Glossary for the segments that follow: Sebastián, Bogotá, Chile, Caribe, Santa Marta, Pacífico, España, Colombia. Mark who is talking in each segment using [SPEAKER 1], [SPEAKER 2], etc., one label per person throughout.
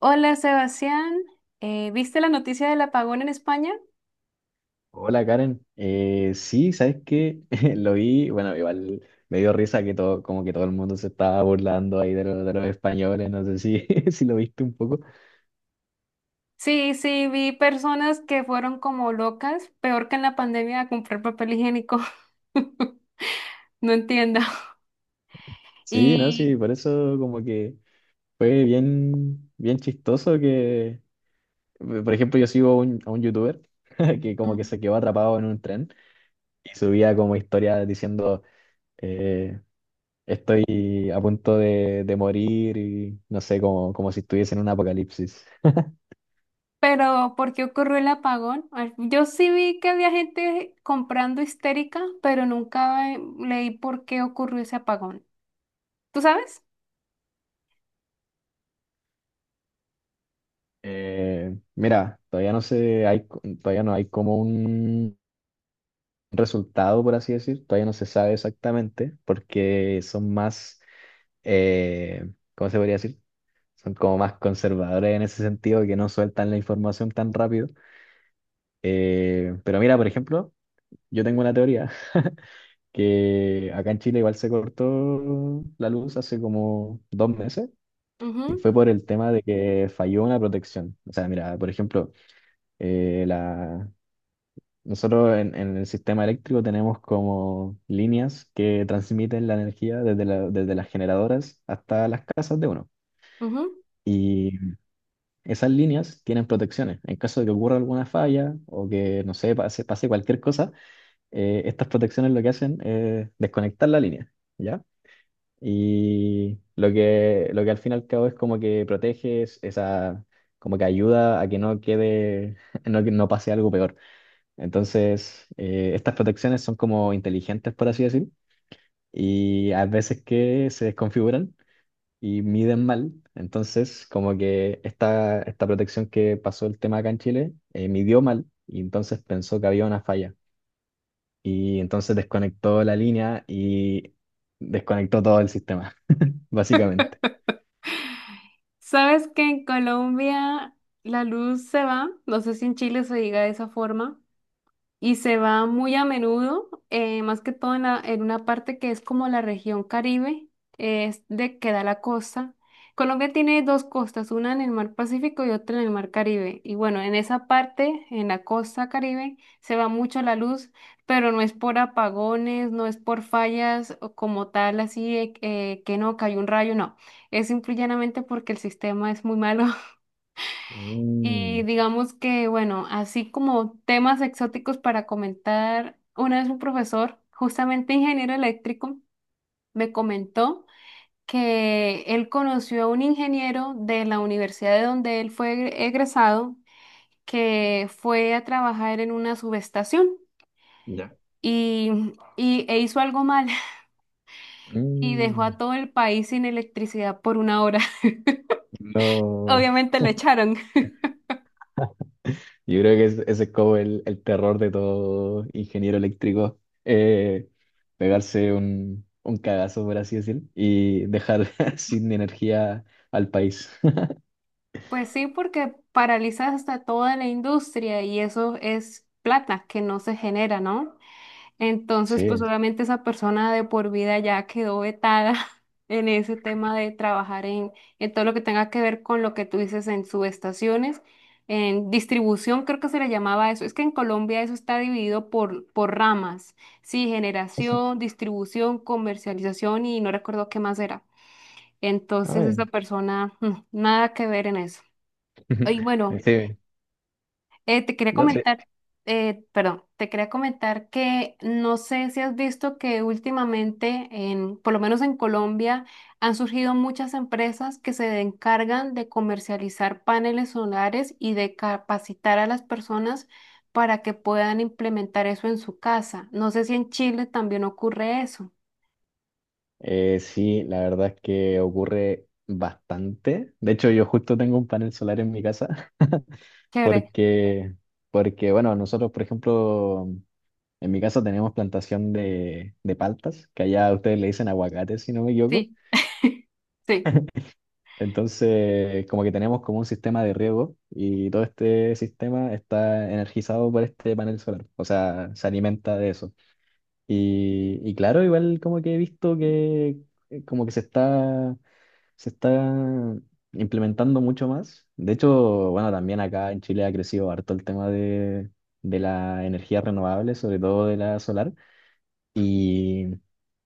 [SPEAKER 1] Hola Sebastián, ¿viste la noticia del apagón en España?
[SPEAKER 2] Hola Karen, sí, ¿sabes qué? Lo vi, bueno, igual me dio risa que todo, como que todo el mundo se estaba burlando ahí de, de los españoles, no sé si lo viste un poco.
[SPEAKER 1] Sí, sí, vi personas que fueron como locas, peor que en la pandemia, a comprar papel higiénico. No entiendo.
[SPEAKER 2] Sí, no, sí,
[SPEAKER 1] Y,
[SPEAKER 2] por eso como que fue bien, bien chistoso que, por ejemplo, yo sigo a un, youtuber que como que
[SPEAKER 1] mm,
[SPEAKER 2] se quedó atrapado en un tren y subía como historia diciendo, eh, estoy a punto de, morir y no sé, como, si estuviese en un apocalipsis.
[SPEAKER 1] pero ¿por qué ocurrió el apagón? Ay, yo sí vi que había gente comprando histérica, pero nunca leí por qué ocurrió ese apagón. ¿Tú sabes?
[SPEAKER 2] Mira, todavía no hay como un resultado, por así decir, todavía no se sabe exactamente, porque son más, ¿cómo se podría decir? Son como más conservadores en ese sentido, que no sueltan la información tan rápido. Pero mira, por ejemplo, yo tengo una teoría. Que acá en Chile igual se cortó la luz hace como dos meses, y
[SPEAKER 1] Ujú,
[SPEAKER 2] fue por el tema de que falló una protección. O sea, mira, por ejemplo, eh, la, nosotros en, el sistema eléctrico tenemos como líneas que transmiten la energía desde las generadoras hasta las casas de uno.
[SPEAKER 1] ujú.
[SPEAKER 2] Y esas líneas tienen protecciones, en caso de que ocurra alguna falla o que, no sé, pase, pase cualquier cosa. Estas protecciones lo que hacen es desconectar la línea, ¿ya? Y lo que al fin y al cabo es como que ayuda a que no quede, no, que no pase algo peor. Entonces, estas protecciones son como inteligentes, por así decir, y a veces que se desconfiguran y miden mal. Entonces, como que esta, protección que pasó el tema acá en Chile, midió mal y entonces pensó que había una falla. Y entonces desconectó la línea y desconectó todo el sistema, básicamente.
[SPEAKER 1] ¿Sabes que en Colombia la luz se va? No sé si en Chile se diga de esa forma. Y se va muy a menudo, más que todo en, en una parte que es como la región Caribe, es de que da la costa. Colombia tiene dos costas, una en el mar Pacífico y otra en el mar Caribe. Y bueno, en esa parte, en la costa Caribe, se va mucho la luz, pero no es por apagones, no es por fallas o como tal, así de que no cayó un rayo, no. Es simplemente porque el sistema es muy malo y
[SPEAKER 2] Mm,
[SPEAKER 1] digamos que, bueno, así como temas exóticos para comentar, una vez un profesor, justamente ingeniero eléctrico, me comentó que él conoció a un ingeniero de la universidad de donde él fue egresado, que fue a trabajar en una subestación
[SPEAKER 2] ya.
[SPEAKER 1] y, e hizo algo mal y dejó a
[SPEAKER 2] Mm.
[SPEAKER 1] todo el país sin electricidad por 1 hora.
[SPEAKER 2] No.
[SPEAKER 1] Obviamente lo echaron.
[SPEAKER 2] Yo creo que ese es como el terror de todo ingeniero eléctrico, eh, pegarse un, cagazo, por así decir, y dejar sin energía al país.
[SPEAKER 1] Pues sí, porque paralizas hasta toda la industria y eso es plata que no se genera, ¿no? Entonces, pues
[SPEAKER 2] Sí.
[SPEAKER 1] obviamente esa persona de por vida ya quedó vetada en ese tema de trabajar en todo lo que tenga que ver con lo que tú dices en subestaciones, en distribución, creo que se le llamaba eso. Es que en Colombia eso está dividido por ramas, sí, generación, distribución, comercialización y no recuerdo qué más era.
[SPEAKER 2] Ah,
[SPEAKER 1] Entonces,
[SPEAKER 2] ya.
[SPEAKER 1] esa persona, mm, nada que ver en eso. Y bueno,
[SPEAKER 2] Sí,
[SPEAKER 1] te quería
[SPEAKER 2] no,
[SPEAKER 1] comentar, perdón, te quería comentar que no sé si has visto que últimamente, en, por lo menos en Colombia, han surgido muchas empresas que se encargan de comercializar paneles solares y de capacitar a las personas para que puedan implementar eso en su casa. No sé si en Chile también ocurre eso.
[SPEAKER 2] sí, la verdad es que ocurre bastante. De hecho, yo justo tengo un panel solar en mi casa.
[SPEAKER 1] Chévere.
[SPEAKER 2] Porque, bueno, nosotros, por ejemplo, en mi casa tenemos plantación de, paltas, que allá ustedes le dicen aguacates, si no me equivoco.
[SPEAKER 1] Sí, sí.
[SPEAKER 2] Entonces, como que tenemos como un sistema de riego y todo este sistema está energizado por este panel solar, o sea, se alimenta de eso. Y, claro, igual como que he visto que como que se está, se está implementando mucho más. De hecho, bueno, también acá en Chile ha crecido harto el tema de, la energía renovable, sobre todo de la solar. Y,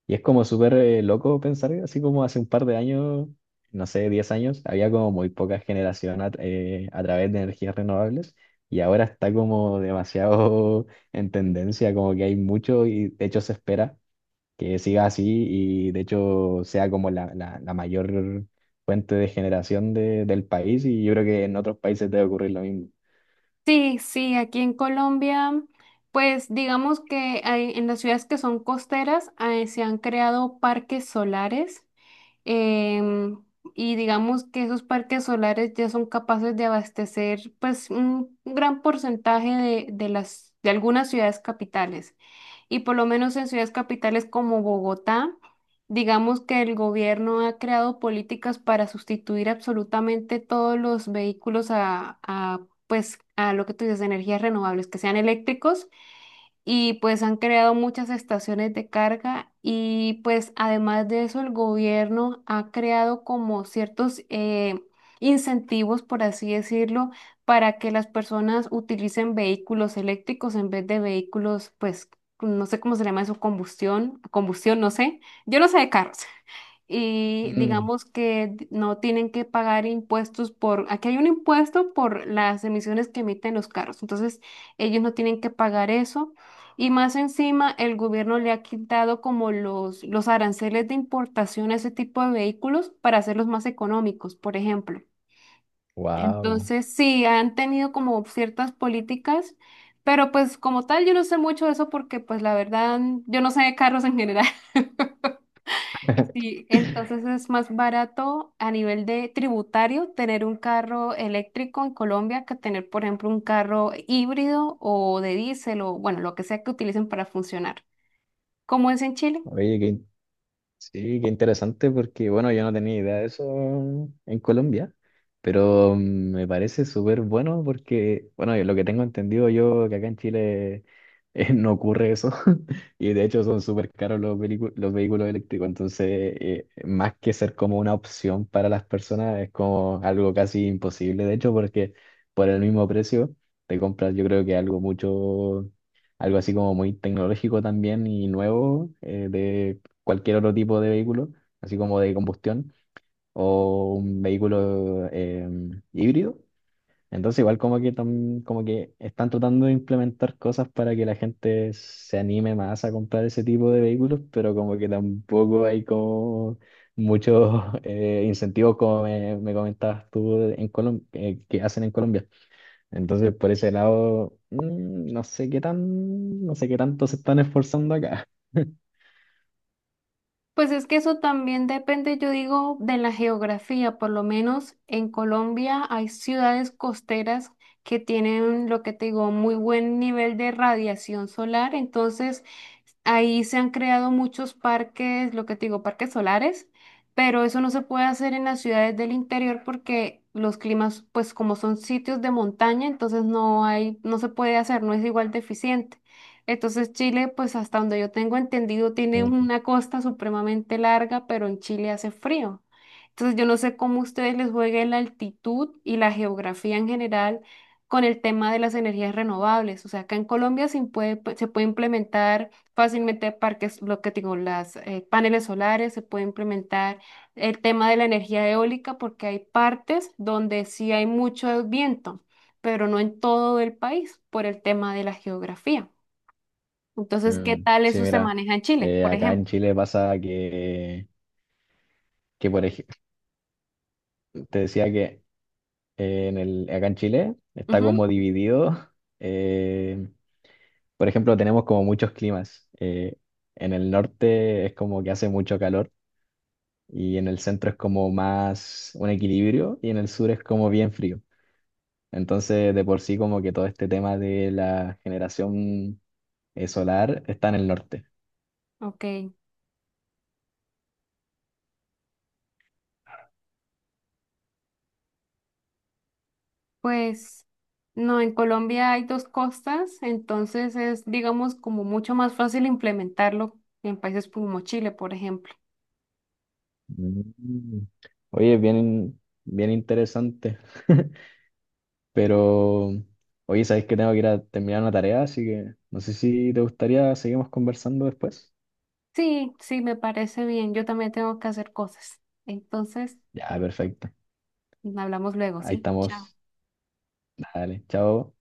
[SPEAKER 2] es como súper loco pensar, así como hace un par de años, no sé, 10 años, había como muy poca generación a través de energías renovables, y ahora está como demasiado en tendencia, como que hay mucho, y de hecho se espera que siga así, y de hecho sea como la, mayor fuente de generación del país, y yo creo que en otros países debe ocurrir lo mismo.
[SPEAKER 1] Sí, sí, aquí en Colombia, pues digamos que en las ciudades que son costeras se han creado parques solares, em, y digamos que esos parques solares ya son capaces de abastecer pues un gran porcentaje de las, de algunas ciudades capitales y por lo menos en ciudades capitales como Bogotá, digamos que el gobierno ha creado políticas para sustituir absolutamente todos los vehículos a, pues, a lo que tú dices, energías renovables, que sean eléctricos y pues han creado muchas estaciones de carga y pues además de eso el gobierno ha creado como ciertos incentivos, por así decirlo, para que las personas utilicen vehículos eléctricos en vez de vehículos, pues no sé cómo se llama eso, combustión, combustión, no sé, yo no sé de carros y
[SPEAKER 2] Mm.
[SPEAKER 1] digamos que no tienen que pagar impuestos por, aquí hay un impuesto por las emisiones que emiten los carros, entonces ellos no tienen que pagar eso. Y más encima, el gobierno le ha quitado como los aranceles de importación a ese tipo de vehículos para hacerlos más económicos, por ejemplo.
[SPEAKER 2] Wow.
[SPEAKER 1] Entonces, sí, han tenido como ciertas políticas, pero pues como tal, yo no sé mucho de eso porque pues la verdad, yo no sé de carros en general. Sí, entonces es más barato a nivel de tributario tener un carro eléctrico en Colombia que tener, por ejemplo, un carro híbrido o de diésel o, bueno, lo que sea que utilicen para funcionar. ¿Cómo es en Chile?
[SPEAKER 2] Oye, qué sí, qué interesante porque, bueno, yo no tenía idea de eso en Colombia, pero me parece súper bueno porque, bueno, lo que tengo entendido yo, que acá en Chile no ocurre eso. Y de hecho son súper caros los vehículos eléctricos. Entonces más que ser como una opción para las personas, es como algo casi imposible, de hecho, porque por el mismo precio te compras, yo creo que algo mucho, algo así como muy tecnológico también y nuevo, de cualquier otro tipo de vehículo, así como de combustión o un vehículo híbrido. Entonces igual como que, como que están tratando de implementar cosas para que la gente se anime más a comprar ese tipo de vehículos, pero como que tampoco hay como muchos incentivos como me comentabas tú en Colombia, que hacen en Colombia. Entonces por ese lado, no sé no sé qué tanto se están esforzando acá.
[SPEAKER 1] Pues es que eso también depende, yo digo, de la geografía. Por lo menos en Colombia hay ciudades costeras que tienen, lo que te digo, muy buen nivel de radiación solar. Entonces, ahí se han creado muchos parques, lo que te digo, parques solares, pero eso no se puede hacer en las ciudades del interior porque los climas, pues como son sitios de montaña, entonces no hay, no se puede hacer, no es igual de eficiente. Entonces Chile, pues hasta donde yo tengo entendido, tiene una costa supremamente larga, pero en Chile hace frío. Entonces yo no sé cómo a ustedes les juegue la altitud y la geografía en general con el tema de las energías renovables. O sea, acá en Colombia se puede, se puede implementar fácilmente parques, lo que digo, las paneles solares, se puede implementar el tema de la energía eólica porque hay partes donde sí hay mucho viento, pero no en todo el país por el tema de la geografía. Entonces, ¿qué
[SPEAKER 2] Mm,
[SPEAKER 1] tal
[SPEAKER 2] sí,
[SPEAKER 1] eso se
[SPEAKER 2] mira,
[SPEAKER 1] maneja en Chile, por
[SPEAKER 2] acá en
[SPEAKER 1] ejemplo?
[SPEAKER 2] Chile pasa que, por ejemplo, te decía que acá en Chile está
[SPEAKER 1] Ujú,
[SPEAKER 2] como dividido. eh, por ejemplo, tenemos como muchos climas. En el norte es como que hace mucho calor, y en el centro es como más un equilibrio, y en el sur es como bien frío. Entonces, de por sí, como que todo este tema de la generación solar está en el norte.
[SPEAKER 1] ok, pues no, en Colombia hay dos costas, entonces es, digamos, como mucho más fácil implementarlo en países como Chile, por ejemplo.
[SPEAKER 2] Mm. Oye, bien, bien interesante. Pero, oye, sabéis que tengo que ir a terminar una tarea, así que no sé si te gustaría seguimos conversando después.
[SPEAKER 1] Sí, sí, me parece bien, yo también tengo que hacer cosas. Entonces,
[SPEAKER 2] Ya, perfecto.
[SPEAKER 1] hablamos luego,
[SPEAKER 2] Ahí
[SPEAKER 1] ¿sí? Chao.
[SPEAKER 2] estamos. Dale, chao.